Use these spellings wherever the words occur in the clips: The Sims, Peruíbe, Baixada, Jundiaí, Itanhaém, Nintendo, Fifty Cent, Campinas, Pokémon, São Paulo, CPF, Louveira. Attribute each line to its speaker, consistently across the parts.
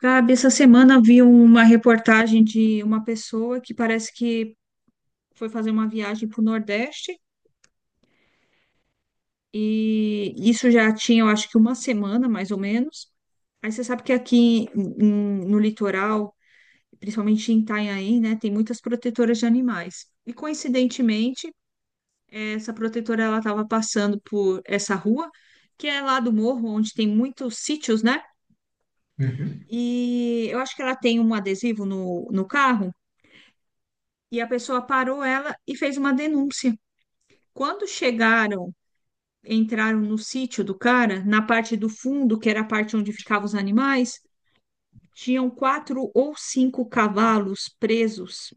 Speaker 1: Gabi, essa semana vi uma reportagem de uma pessoa que parece que foi fazer uma viagem para o Nordeste e isso já tinha, eu acho que uma semana, mais ou menos. Aí você sabe que aqui em- no litoral, principalmente em Itanhaém, né, tem muitas protetoras de animais. E coincidentemente, essa protetora ela estava passando por essa rua, que é lá do morro, onde tem muitos sítios, né?
Speaker 2: Uhum,
Speaker 1: E eu acho que ela tem um adesivo no carro. E a pessoa parou ela e fez uma denúncia. Quando chegaram, entraram no sítio do cara, na parte do fundo, que era a parte onde ficavam os animais, tinham quatro ou cinco cavalos presos,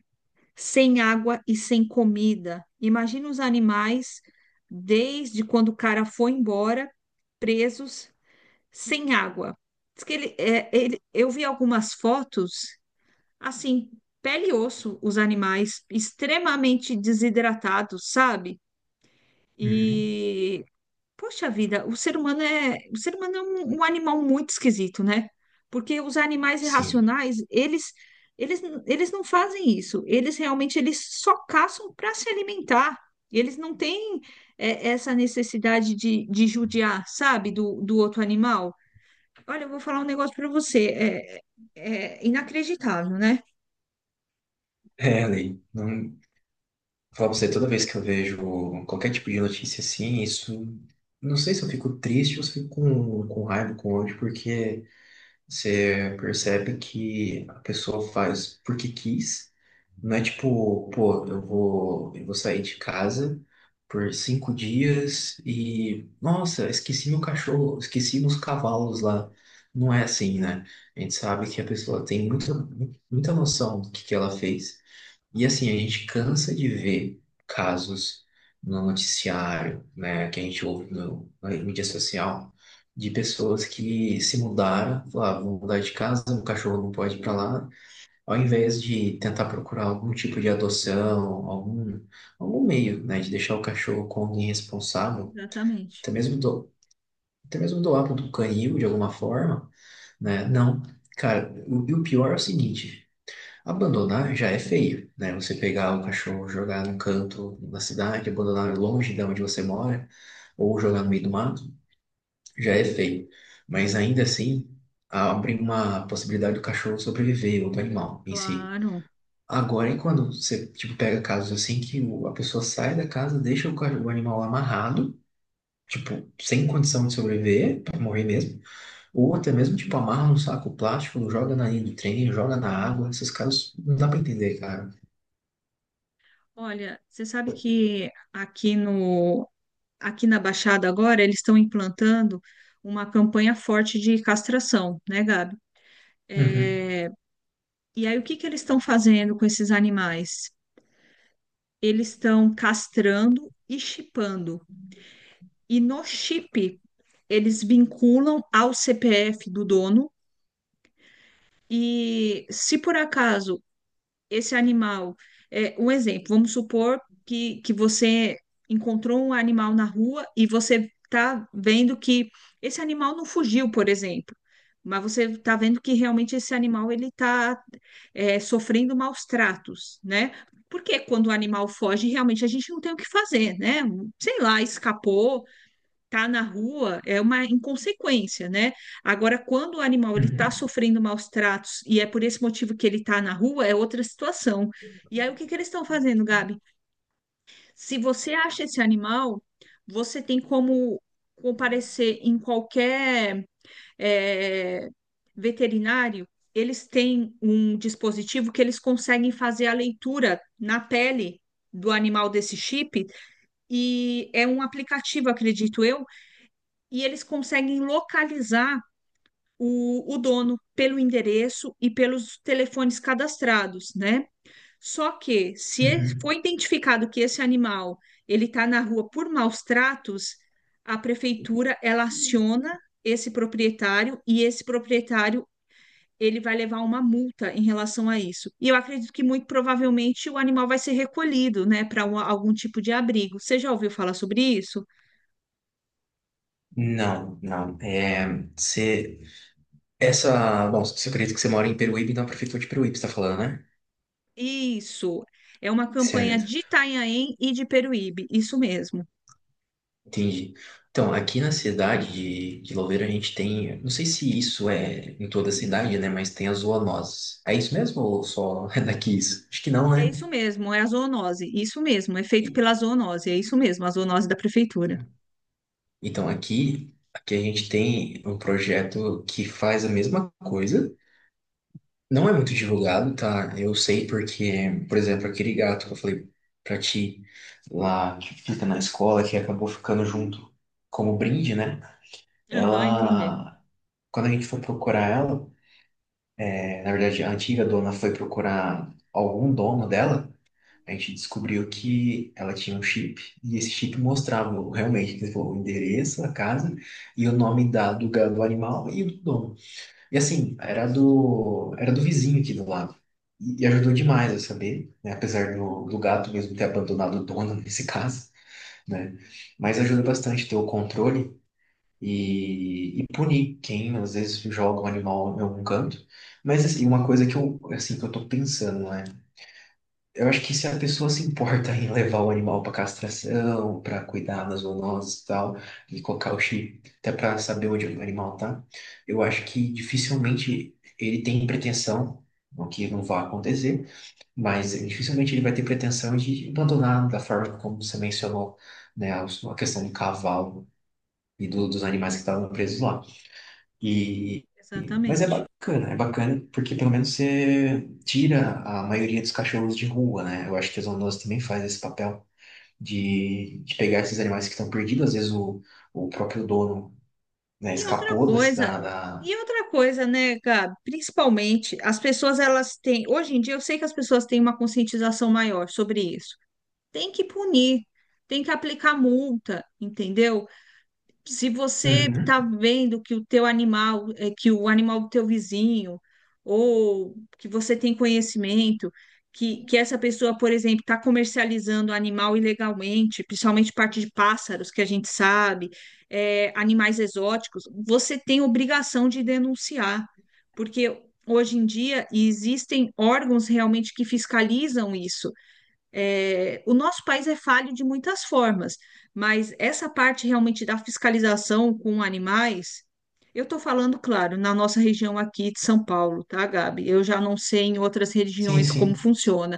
Speaker 1: sem água e sem comida. Imagina os animais, desde quando o cara foi embora, presos, sem água. Diz que eu vi algumas fotos. Assim, pele e osso, os animais extremamente desidratados, sabe?
Speaker 2: uhum.
Speaker 1: E, poxa vida, o ser humano é um animal muito esquisito, né? Porque os animais
Speaker 2: Sim,
Speaker 1: irracionais, eles não fazem isso. Eles realmente eles só caçam para se alimentar. Eles não têm, essa necessidade de judiar, sabe, do outro animal. Olha, eu vou falar um negócio para você. É inacreditável, né?
Speaker 2: é, Ali. Não, vou falar pra você, toda vez que eu vejo qualquer tipo de notícia assim, isso. Não sei se eu fico triste ou se eu fico com raiva, com ódio, porque. Você percebe que a pessoa faz porque quis. Não é tipo, pô, eu vou sair de casa por 5 dias e, nossa, esqueci meu cachorro, esqueci meus cavalos lá. Não é assim, né? A gente sabe que a pessoa tem muita, muita noção do que ela fez. E assim, a gente cansa de ver casos no noticiário, né, que a gente ouve no, na mídia social, de pessoas que se mudaram, falaram, ah, vou mudar de casa, o cachorro não pode ir para lá, ao invés de tentar procurar algum tipo de adoção, algum meio, né, de deixar o cachorro com alguém responsável,
Speaker 1: Exatamente.
Speaker 2: até mesmo, do, até mesmo doar para um canil de alguma forma, né, não. Cara, e o pior é o seguinte. Abandonar já é feio, né? Você pegar o cachorro, jogar num canto da cidade, abandonar longe de onde você mora, ou jogar no meio do mato, já é feio. Mas ainda assim, abre uma possibilidade do cachorro sobreviver, ou do animal em si.
Speaker 1: Claro.
Speaker 2: Agora, e quando você, tipo, pega casos assim que a pessoa sai da casa, deixa o animal amarrado, tipo, sem condição de sobreviver, pra morrer mesmo, ou até mesmo, tipo, amarra num saco plástico, joga na linha do trem, joga na água, esses casos não dá pra entender, cara.
Speaker 1: Olha, você sabe que aqui no aqui na Baixada agora eles estão implantando uma campanha forte de castração, né, Gabi?
Speaker 2: Uhum.
Speaker 1: É, e aí o que que eles estão fazendo com esses animais? Eles estão castrando e chipando. E no chip eles vinculam ao CPF do dono. E se por acaso esse animal, é, um exemplo, vamos supor que você encontrou um animal na rua e você está vendo que esse animal não fugiu, por exemplo, mas você está vendo que realmente esse animal ele está sofrendo maus tratos, né? Porque quando o animal foge, realmente a gente não tem o que fazer, né? Sei lá, escapou, tá na rua, é uma inconsequência, né? Agora, quando o animal ele tá
Speaker 2: Uhum,
Speaker 1: sofrendo maus tratos e é por esse motivo que ele tá na rua, é outra situação. E aí, o que que eles estão fazendo, Gabi? Se você acha esse animal, você tem como comparecer em qualquer, é, veterinário. Eles têm um dispositivo que eles conseguem fazer a leitura na pele do animal desse chip, e é um aplicativo, acredito eu, e eles conseguem localizar o dono pelo endereço e pelos telefones cadastrados, né? Só que se
Speaker 2: uhum.
Speaker 1: foi identificado que esse animal ele está na rua por maus tratos, a prefeitura ela aciona esse proprietário e esse proprietário ele vai levar uma multa em relação a isso. E eu acredito que muito provavelmente o animal vai ser recolhido, né, para algum tipo de abrigo. Você já ouviu falar sobre isso?
Speaker 2: Não, não. É, você, bom, você acredita que você mora em Peruíbe, na prefeitura de Peruíbe, você tá falando, né?
Speaker 1: Isso. É uma campanha
Speaker 2: Certo,
Speaker 1: de Itanhaém e de Peruíbe. Isso mesmo.
Speaker 2: entendi. Então, aqui na cidade de Louveira a gente tem, não sei se isso é em toda a cidade, né? Mas tem as zoonoses. É isso mesmo ou só é daqui isso? Acho que não,
Speaker 1: É
Speaker 2: né?
Speaker 1: isso mesmo, é a zoonose. Isso mesmo, é feito
Speaker 2: E-
Speaker 1: pela zoonose. É isso mesmo, a zoonose da prefeitura.
Speaker 2: Então, aqui a gente tem um projeto que faz a mesma coisa. Não é muito divulgado, tá? Eu sei porque, por exemplo, aquele gato que eu falei pra ti lá, que fica na escola, que acabou ficando junto como brinde, né?
Speaker 1: Aham, entendi.
Speaker 2: Ela, quando a gente foi procurar ela, na verdade, a antiga dona foi procurar algum dono dela, a gente descobriu que ela tinha um chip, e esse chip mostrava realmente, tipo, o endereço, a casa e o nome do animal e do dono. E assim, era
Speaker 1: Isso,
Speaker 2: do, era do vizinho aqui do lado. E ajudou demais eu saber, né? Apesar do gato mesmo ter abandonado o dono nesse caso, né? Mas ajuda bastante ter o controle e punir quem às vezes joga um animal em algum canto. Mas assim, uma coisa que eu, assim, que eu tô pensando, né? Eu acho que se a pessoa se importa em levar o animal para castração, para cuidar das zoonoses e tal, e colocar o chip até para saber onde o animal tá, eu acho que dificilmente ele tem pretensão, o que não vai acontecer, mas dificilmente ele vai ter pretensão de abandonar da forma como você mencionou, né, a questão do cavalo e dos animais que estavam presos lá. E, mas
Speaker 1: exatamente.
Speaker 2: é bacana porque pelo menos você tira a maioria dos cachorros de rua, né? Eu acho que a zoonose também faz esse papel de pegar esses animais que estão perdidos. Às vezes o próprio dono, né,
Speaker 1: E outra
Speaker 2: escapou da,
Speaker 1: coisa,
Speaker 2: da, da-
Speaker 1: né, Gabi? Principalmente, as pessoas, elas têm. Hoje em dia, eu sei que as pessoas têm uma conscientização maior sobre isso. Tem que punir, tem que aplicar multa, entendeu? Se você
Speaker 2: Uhum.
Speaker 1: está vendo que o teu animal, que o animal do teu vizinho, ou que você tem conhecimento, que essa pessoa, por exemplo, está comercializando animal ilegalmente, principalmente parte de pássaros, que a gente sabe, animais exóticos, você tem obrigação de denunciar, porque hoje em dia existem órgãos realmente que fiscalizam isso. É, o nosso país é falho de muitas formas, mas essa parte realmente da fiscalização com animais, eu estou falando, claro, na nossa região aqui de São Paulo, tá, Gabi? Eu já não sei em outras
Speaker 2: Sim,
Speaker 1: regiões como
Speaker 2: sim.
Speaker 1: funciona,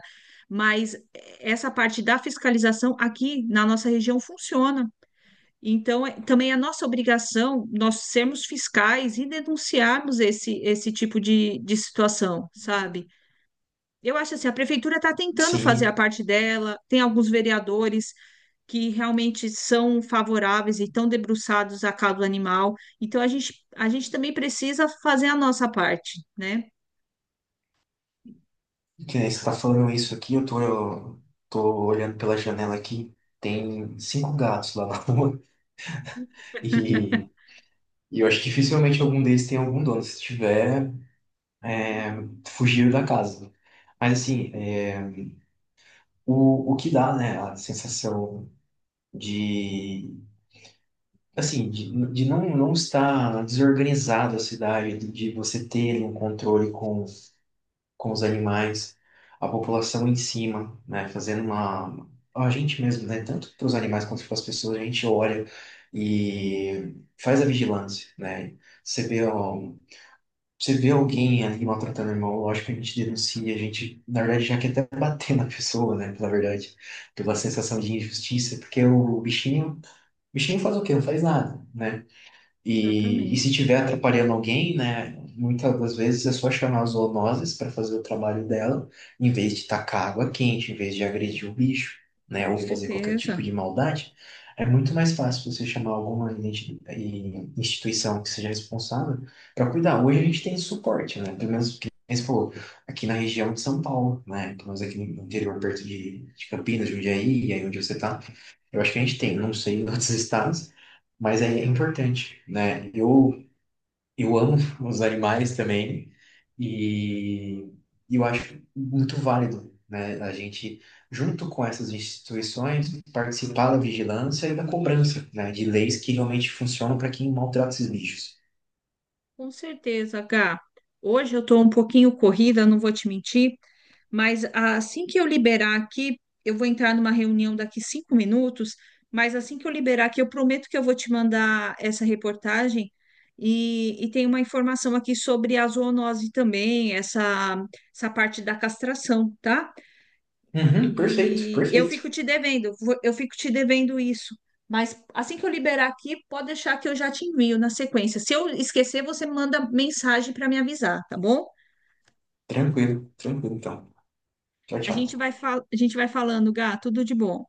Speaker 1: mas essa parte da fiscalização aqui na nossa região funciona. Então, é- também é nossa obrigação nós sermos fiscais e denunciarmos esse tipo de situação, sabe? Eu acho assim, a prefeitura está tentando fazer a
Speaker 2: Sim,
Speaker 1: parte dela, tem alguns vereadores que realmente são favoráveis e estão debruçados à causa animal. Então a gente também precisa fazer a nossa parte, né?
Speaker 2: que nem você está falando isso aqui, eu tô olhando pela janela aqui, tem cinco gatos lá na rua e, e eu acho que dificilmente algum deles tem algum dono. Se tiver, é, fugiram da casa. Mas assim, o que dá, né, a sensação de, assim, de não, não estar desorganizado a cidade, de você ter um controle com os animais, a população em cima, né, fazendo uma... A gente mesmo, né, tanto para os animais quanto para as pessoas, a gente olha e faz a vigilância, né? Você vê ó, você vê alguém ali maltratando o irmão, lógico que a gente denuncia, a gente, na verdade, já quer até bater na pessoa, né? Pela verdade, pela sensação de injustiça, porque o bichinho faz o quê? Não faz nada, né? E se
Speaker 1: Exatamente,
Speaker 2: tiver atrapalhando alguém, né, muitas das vezes é só chamar as zoonoses para fazer o trabalho dela, em vez de tacar água quente, em vez de agredir o bicho, né,
Speaker 1: com
Speaker 2: ou fazer qualquer tipo
Speaker 1: certeza.
Speaker 2: de maldade. É muito mais fácil você chamar alguma instituição que seja responsável para cuidar. Hoje a gente tem suporte, né, pelo menos que você falou, aqui na região de São Paulo, né, pelo menos aqui no interior, perto de Campinas, Jundiaí, e aí onde você está. Eu acho que a gente tem, não sei em outros estados, mas é importante, né? Eu amo os animais também e eu acho muito válido, né? A gente, junto com essas instituições, participar da vigilância e da cobrança, né? De leis que realmente funcionam para quem maltrata esses bichos.
Speaker 1: Com certeza, Gá. Hoje eu estou um pouquinho corrida, não vou te mentir, mas assim que eu liberar aqui, eu vou entrar numa reunião daqui 5 minutos, mas assim que eu liberar aqui, eu prometo que eu vou te mandar essa reportagem e tem uma informação aqui sobre a zoonose também, essa parte da castração, tá?
Speaker 2: Uhum, perfeito,
Speaker 1: E eu
Speaker 2: perfeito.
Speaker 1: fico te devendo, eu fico te devendo isso. Mas assim que eu liberar aqui, pode deixar que eu já te envio na sequência. Se eu esquecer, você manda mensagem para me avisar, tá bom?
Speaker 2: Tranquilo, tranquilo então. Tchau,
Speaker 1: A gente
Speaker 2: tchau.
Speaker 1: vai a gente vai falando, Gá, tudo de bom.